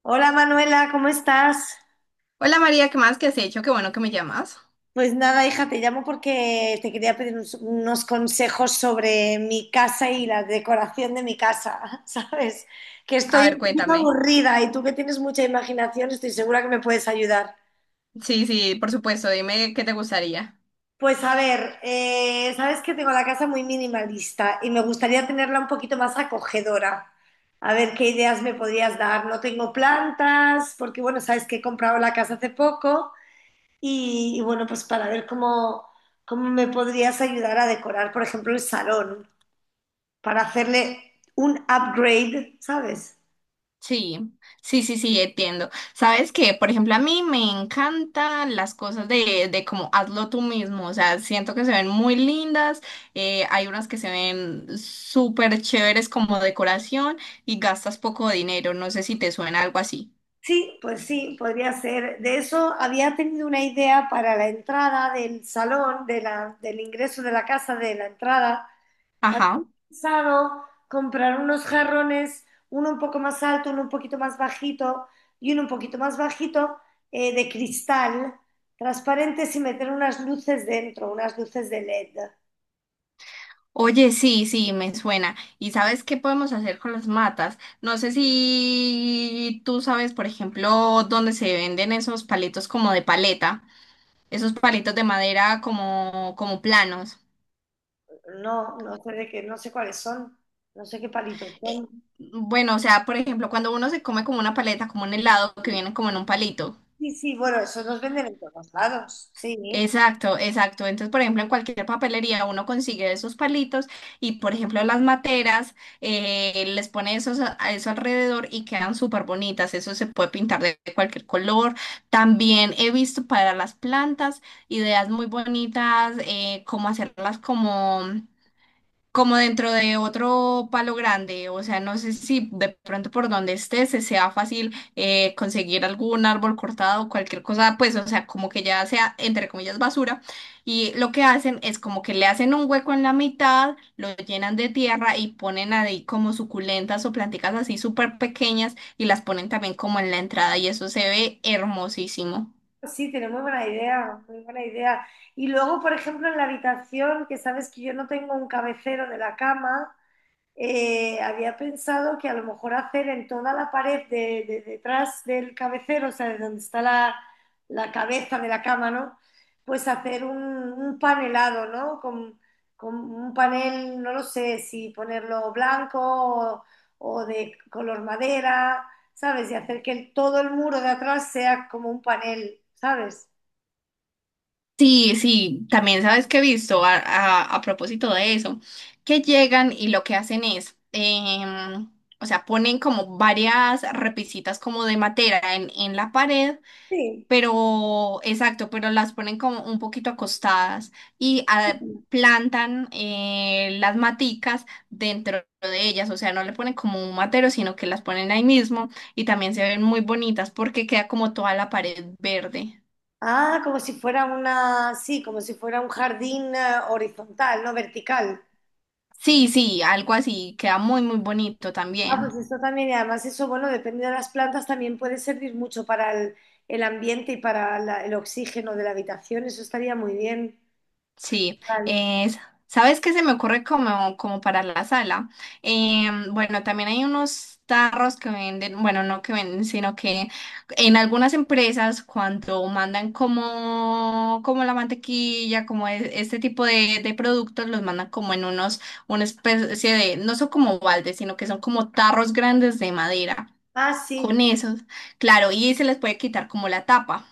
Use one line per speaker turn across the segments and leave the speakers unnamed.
Hola Manuela, ¿cómo estás?
Hola María, ¿qué más? ¿Qué has hecho? Qué bueno que me llamas.
Pues nada, hija, te llamo porque te quería pedir unos consejos sobre mi casa y la decoración de mi casa, ¿sabes? Que
A
estoy
ver,
un poquito
cuéntame.
aburrida y tú que tienes mucha imaginación, estoy segura que me puedes ayudar.
Sí, sí, por supuesto, dime qué te gustaría.
Pues a ver, sabes que tengo la casa muy minimalista y me gustaría tenerla un poquito más acogedora. A ver qué ideas me podrías dar. No tengo plantas, porque bueno, sabes que he comprado la casa hace poco. Y bueno, pues para ver cómo me podrías ayudar a decorar, por ejemplo, el salón, para hacerle un upgrade, ¿sabes?
Sí, sí, entiendo. Sabes que, por ejemplo, a mí me encantan las cosas de como hazlo tú mismo. O sea, siento que se ven muy lindas. Hay unas que se ven súper chéveres como decoración y gastas poco dinero. No sé si te suena algo así.
Sí, pues sí, podría ser. De eso había tenido una idea para la entrada del salón, del ingreso de la casa, de la entrada. Había
Ajá.
pensado comprar unos jarrones, uno un poco más alto, uno un poquito más bajito y uno un poquito más bajito de cristal transparentes y meter unas luces dentro, unas luces de LED.
Oye, sí, sí, me suena. ¿Y sabes qué podemos hacer con las matas? No sé si tú sabes, por ejemplo, dónde se venden esos palitos como de paleta, esos palitos de madera como planos.
No, no sé de qué, no sé cuáles son, no sé qué palitos
Eh,
son.
bueno, o sea, por ejemplo, cuando uno se come como una paleta, como un helado que viene como en un palito.
Sí, sí, bueno, esos los venden en todos lados, sí.
Exacto, exacto. Entonces, por ejemplo, en cualquier papelería uno consigue esos palitos y, por ejemplo, las materas les pone esos a eso alrededor y quedan súper bonitas. Eso se puede pintar de cualquier color. También he visto para las plantas ideas muy bonitas, como hacerlas como dentro de otro palo grande, o sea, no sé si de pronto por donde estés se sea fácil conseguir algún árbol cortado, cualquier cosa, pues, o sea, como que ya sea, entre comillas, basura. Y lo que hacen es como que le hacen un hueco en la mitad, lo llenan de tierra y ponen ahí como suculentas o plantitas así súper pequeñas y las ponen también como en la entrada y eso se ve hermosísimo.
Sí, tiene muy buena idea, muy buena idea. Y luego, por ejemplo, en la habitación, que sabes que yo no tengo un cabecero de la cama, había pensado que a lo mejor hacer en toda la pared detrás del cabecero, o sea, de donde está la cabeza de la cama, ¿no? Pues hacer un panelado, ¿no? Con un panel, no lo sé, si ponerlo blanco o de color madera, ¿sabes? Y hacer que todo el muro de atrás sea como un panel, ¿sabes?
Sí, sí, también sabes que he visto a propósito de eso, que llegan y lo que hacen es, o sea, ponen como varias repisitas como de madera en la pared,
Sí.
pero, exacto, pero las ponen como un poquito acostadas y a- plantan las maticas dentro de ellas, o sea, no le ponen como un matero, sino que las ponen ahí mismo y también se ven muy bonitas porque queda como toda la pared verde.
Ah, como si fuera una, sí, como si fuera un jardín horizontal, no vertical.
Sí, sí, algo así, queda muy, muy bonito
Ah, pues
también.
esto también, y además eso, bueno, depende de las plantas, también puede servir mucho para el ambiente y para el oxígeno de la habitación, eso estaría muy bien.
Sí,
Vale.
es, ¿sabes qué se me ocurre como, como para la sala? Bueno, también hay unos tarros que venden, bueno, no que venden, sino que en algunas empresas cuando mandan como, como la mantequilla, como e- este tipo de productos, los mandan como en unos, una especie de, no son como baldes, sino que son como tarros grandes de madera.
Ah,
Con
sí,
esos, claro, y se les puede quitar como la tapa.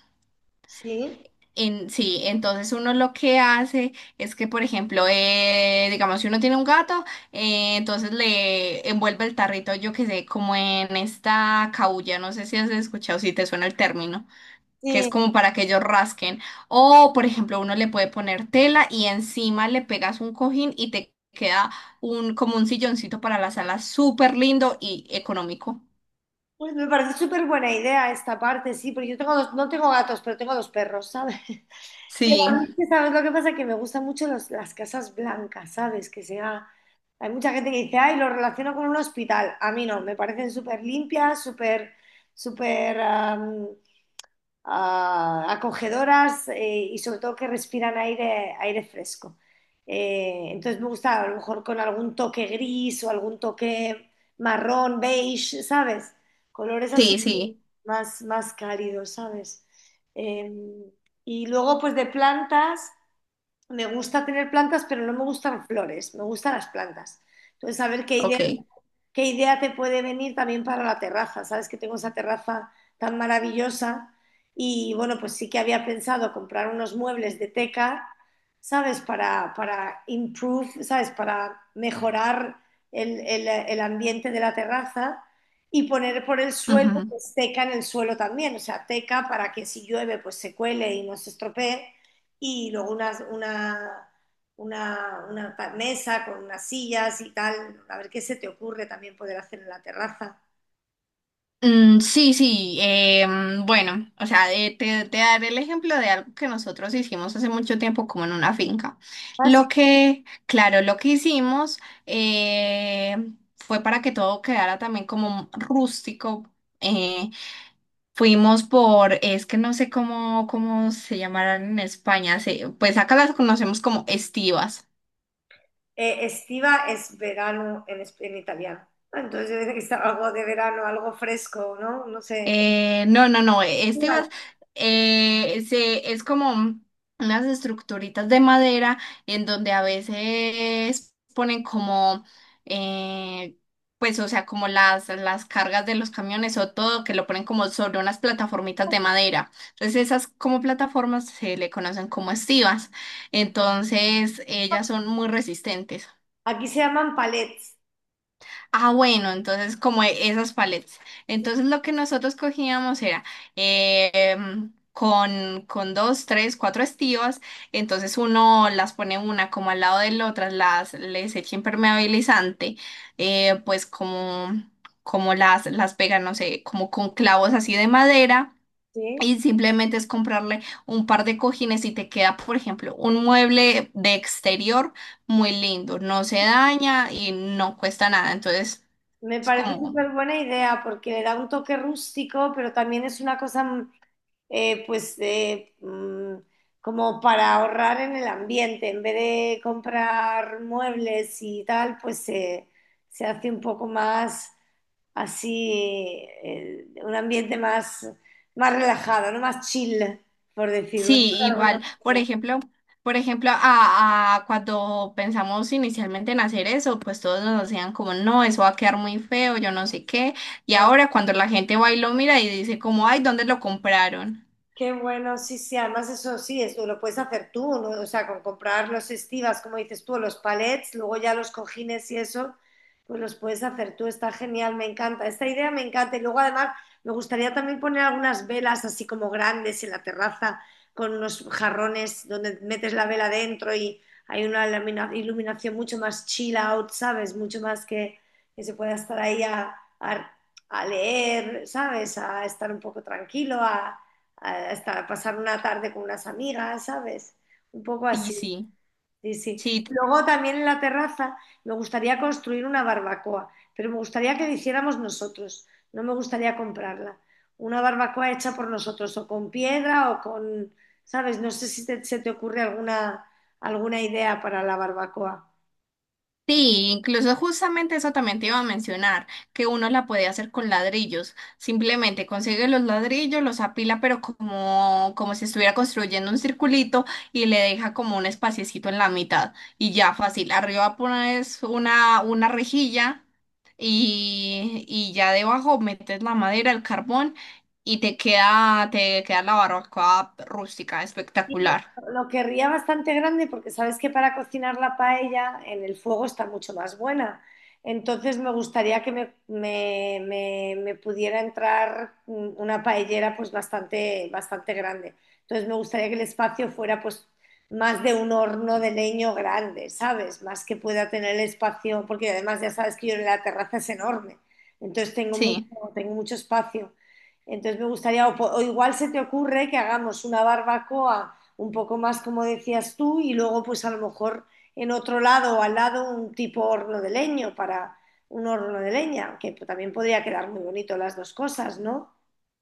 sí,
En, sí, entonces uno lo que hace es que, por ejemplo, digamos, si uno tiene un gato, entonces le envuelve el tarrito, yo que sé, como en esta caulla, no sé si has escuchado, si te suena el término, que es
sí.
como para que ellos rasquen. O, por ejemplo, uno le puede poner tela y encima le pegas un cojín y te queda un, como un silloncito para la sala, súper lindo y económico.
Pues me parece súper buena idea esta parte, sí, porque yo tengo dos, no tengo gatos, pero tengo dos perros, ¿sabes? Pero a
Sí,
mí, es que, ¿sabes lo que pasa? Que me gustan mucho las casas blancas, ¿sabes? Que sea... Hay mucha gente que dice, ay, lo relaciono con un hospital. A mí no, me parecen súper limpias, súper, súper... ah, acogedoras y sobre todo que respiran aire, aire fresco. Entonces me gusta a lo mejor con algún toque gris o algún toque marrón, beige, ¿sabes? Colores así
sí, sí,
más, más cálidos, ¿sabes? Eh, y luego pues de plantas, me gusta tener plantas, pero no me gustan flores, me gustan las plantas. Entonces, saber qué idea
ok.
¿Qué idea te puede venir también para la terraza? Sabes que tengo esa terraza tan maravillosa y bueno, pues sí que había pensado comprar unos muebles de teca, ¿sabes? Para improve, ¿sabes? Para mejorar el ambiente de la terraza y poner por el suelo,
Ujú.
pues teca en el suelo también, o sea, teca para que si llueve, pues se cuele y no se estropee y luego una mesa con unas sillas y tal, a ver qué se te ocurre también poder hacer en la terraza.
Sí, sí, bueno, o sea, te daré el ejemplo de algo que nosotros hicimos hace mucho tiempo como en una finca.
Ah, sí.
Lo que, claro, lo que hicimos eh, fue para que todo quedara también como rústico. eh, Fuimos por, es que no sé cómo, cómo se llamarán en España, se- pues acá las conocemos como estivas.
Estiva es verano en, en italiano, ¿no? Entonces yo decía que estaba algo de verano, algo fresco, ¿no? No sé.
No, no, no, este
Estival.
vas- se, es como unas estructuritas de madera en donde a veces ponen como, eh, pues, o sea, como las cargas de los camiones o todo, que lo ponen como sobre unas plataformitas de madera. Entonces, esas como plataformas se le conocen como estivas. Entonces, ellas son muy resistentes.
Aquí se llaman palets,
Ah, bueno, entonces como e- esas paletas. Entonces lo que nosotros cogíamos era con dos, tres, cuatro estivas. Entonces uno las pone una como al lado de la otra, las les echa impermeabilizante, pues como, como las pega, no sé, como con clavos así de madera.
¿sí?
Y simplemente es comprarle un par de cojines y te queda, por ejemplo, un mueble de exterior muy lindo. No se daña y no cuesta nada. Entonces...
Me
Es
parece
como,
súper buena idea porque le da un toque rústico, pero también es una cosa eh, pues eh, mm, como para ahorrar en el ambiente, en vez de comprar muebles y tal, se hace un poco más así, un ambiente más, más relajado, ¿no? Más chill, por decirlo, ¿no?
sí,
De alguna
igual, por
manera.
ejemplo, por ejemplo, a cuando pensamos inicialmente en hacer eso, pues todos nos decían como, no, eso va a quedar muy feo, yo no sé qué. Y
¿No?
ahora cuando la gente va y lo mira y dice como, ay, ¿dónde lo compraron?
Qué bueno, sí, sí, además eso sí, eso lo puedes hacer tú, ¿no? O sea, con comprar los estivas, como dices tú, o los palets, luego ya los cojines y eso, pues los puedes hacer tú, está genial, me encanta, esta idea me encanta. Y luego además me gustaría también poner algunas velas así como grandes en la terraza, con unos jarrones donde metes la vela dentro y hay una iluminación mucho más chill out, ¿sabes? Mucho más que se pueda estar ahí a leer, ¿sabes? A estar un poco tranquilo, a eh, hasta pasar una tarde con unas amigas, ¿sabes? Un poco
Sí,
así,
sí,
sí, sí.
sí.
Luego también en la terraza me gustaría construir una barbacoa, pero me gustaría que la hiciéramos nosotros, no me gustaría comprarla. Una barbacoa hecha por nosotros, o con piedra o con, ¿sabes? No sé si se te ocurre alguna, alguna idea para la barbacoa.
Sí, incluso justamente eso también te iba a mencionar, que uno la puede hacer con ladrillos. Simplemente consigue los ladrillos, los apila, pero como, como si estuviera construyendo un circulito y le deja como un espaciecito en la mitad. Y ya fácil. Arriba pones una rejilla y ya debajo metes la madera, el carbón y te queda la barbacoa rústica,
Sí,
espectacular.
lo querría bastante grande porque sabes que para cocinar la paella en el fuego está mucho más buena. Entonces me gustaría que me pudiera entrar una paellera pues bastante, bastante grande. Entonces me gustaría que el espacio fuera pues más de un horno de leño grande, ¿sabes? Más que pueda tener el espacio, porque además ya sabes que yo en la terraza es enorme. Entonces
Sí.
tengo mucho espacio. Entonces me gustaría, o igual se te ocurre que hagamos una barbacoa un poco más como decías tú, y luego pues a lo mejor en otro lado o al lado un tipo horno de leño para un horno de leña, que también podría quedar muy bonito las dos cosas, ¿no?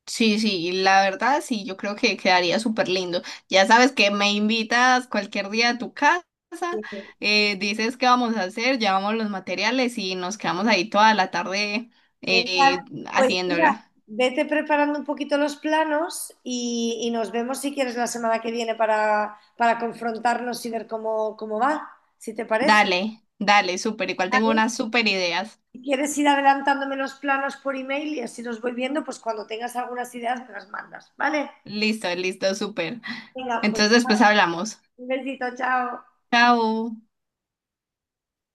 Sí, sí, la verdad sí, yo creo que quedaría súper lindo. Ya sabes que me invitas cualquier día a tu casa,
Sí,
dices qué vamos a hacer, llevamos los materiales y nos quedamos ahí toda la tarde
genial.
eh,
Pues mira,
haciéndola.
vete preparando un poquito los planos y nos vemos si quieres la semana que viene para confrontarnos y ver cómo, cómo va, si te parece.
Dale, dale, súper. Igual tengo
¿Vale?
unas súper ideas.
Si quieres ir adelantándome los planos por email y así los voy viendo, pues cuando tengas algunas ideas me las mandas, ¿vale?
Listo, listo, súper.
Venga, pues
Entonces, pues hablamos.
un besito, chao.
Chao.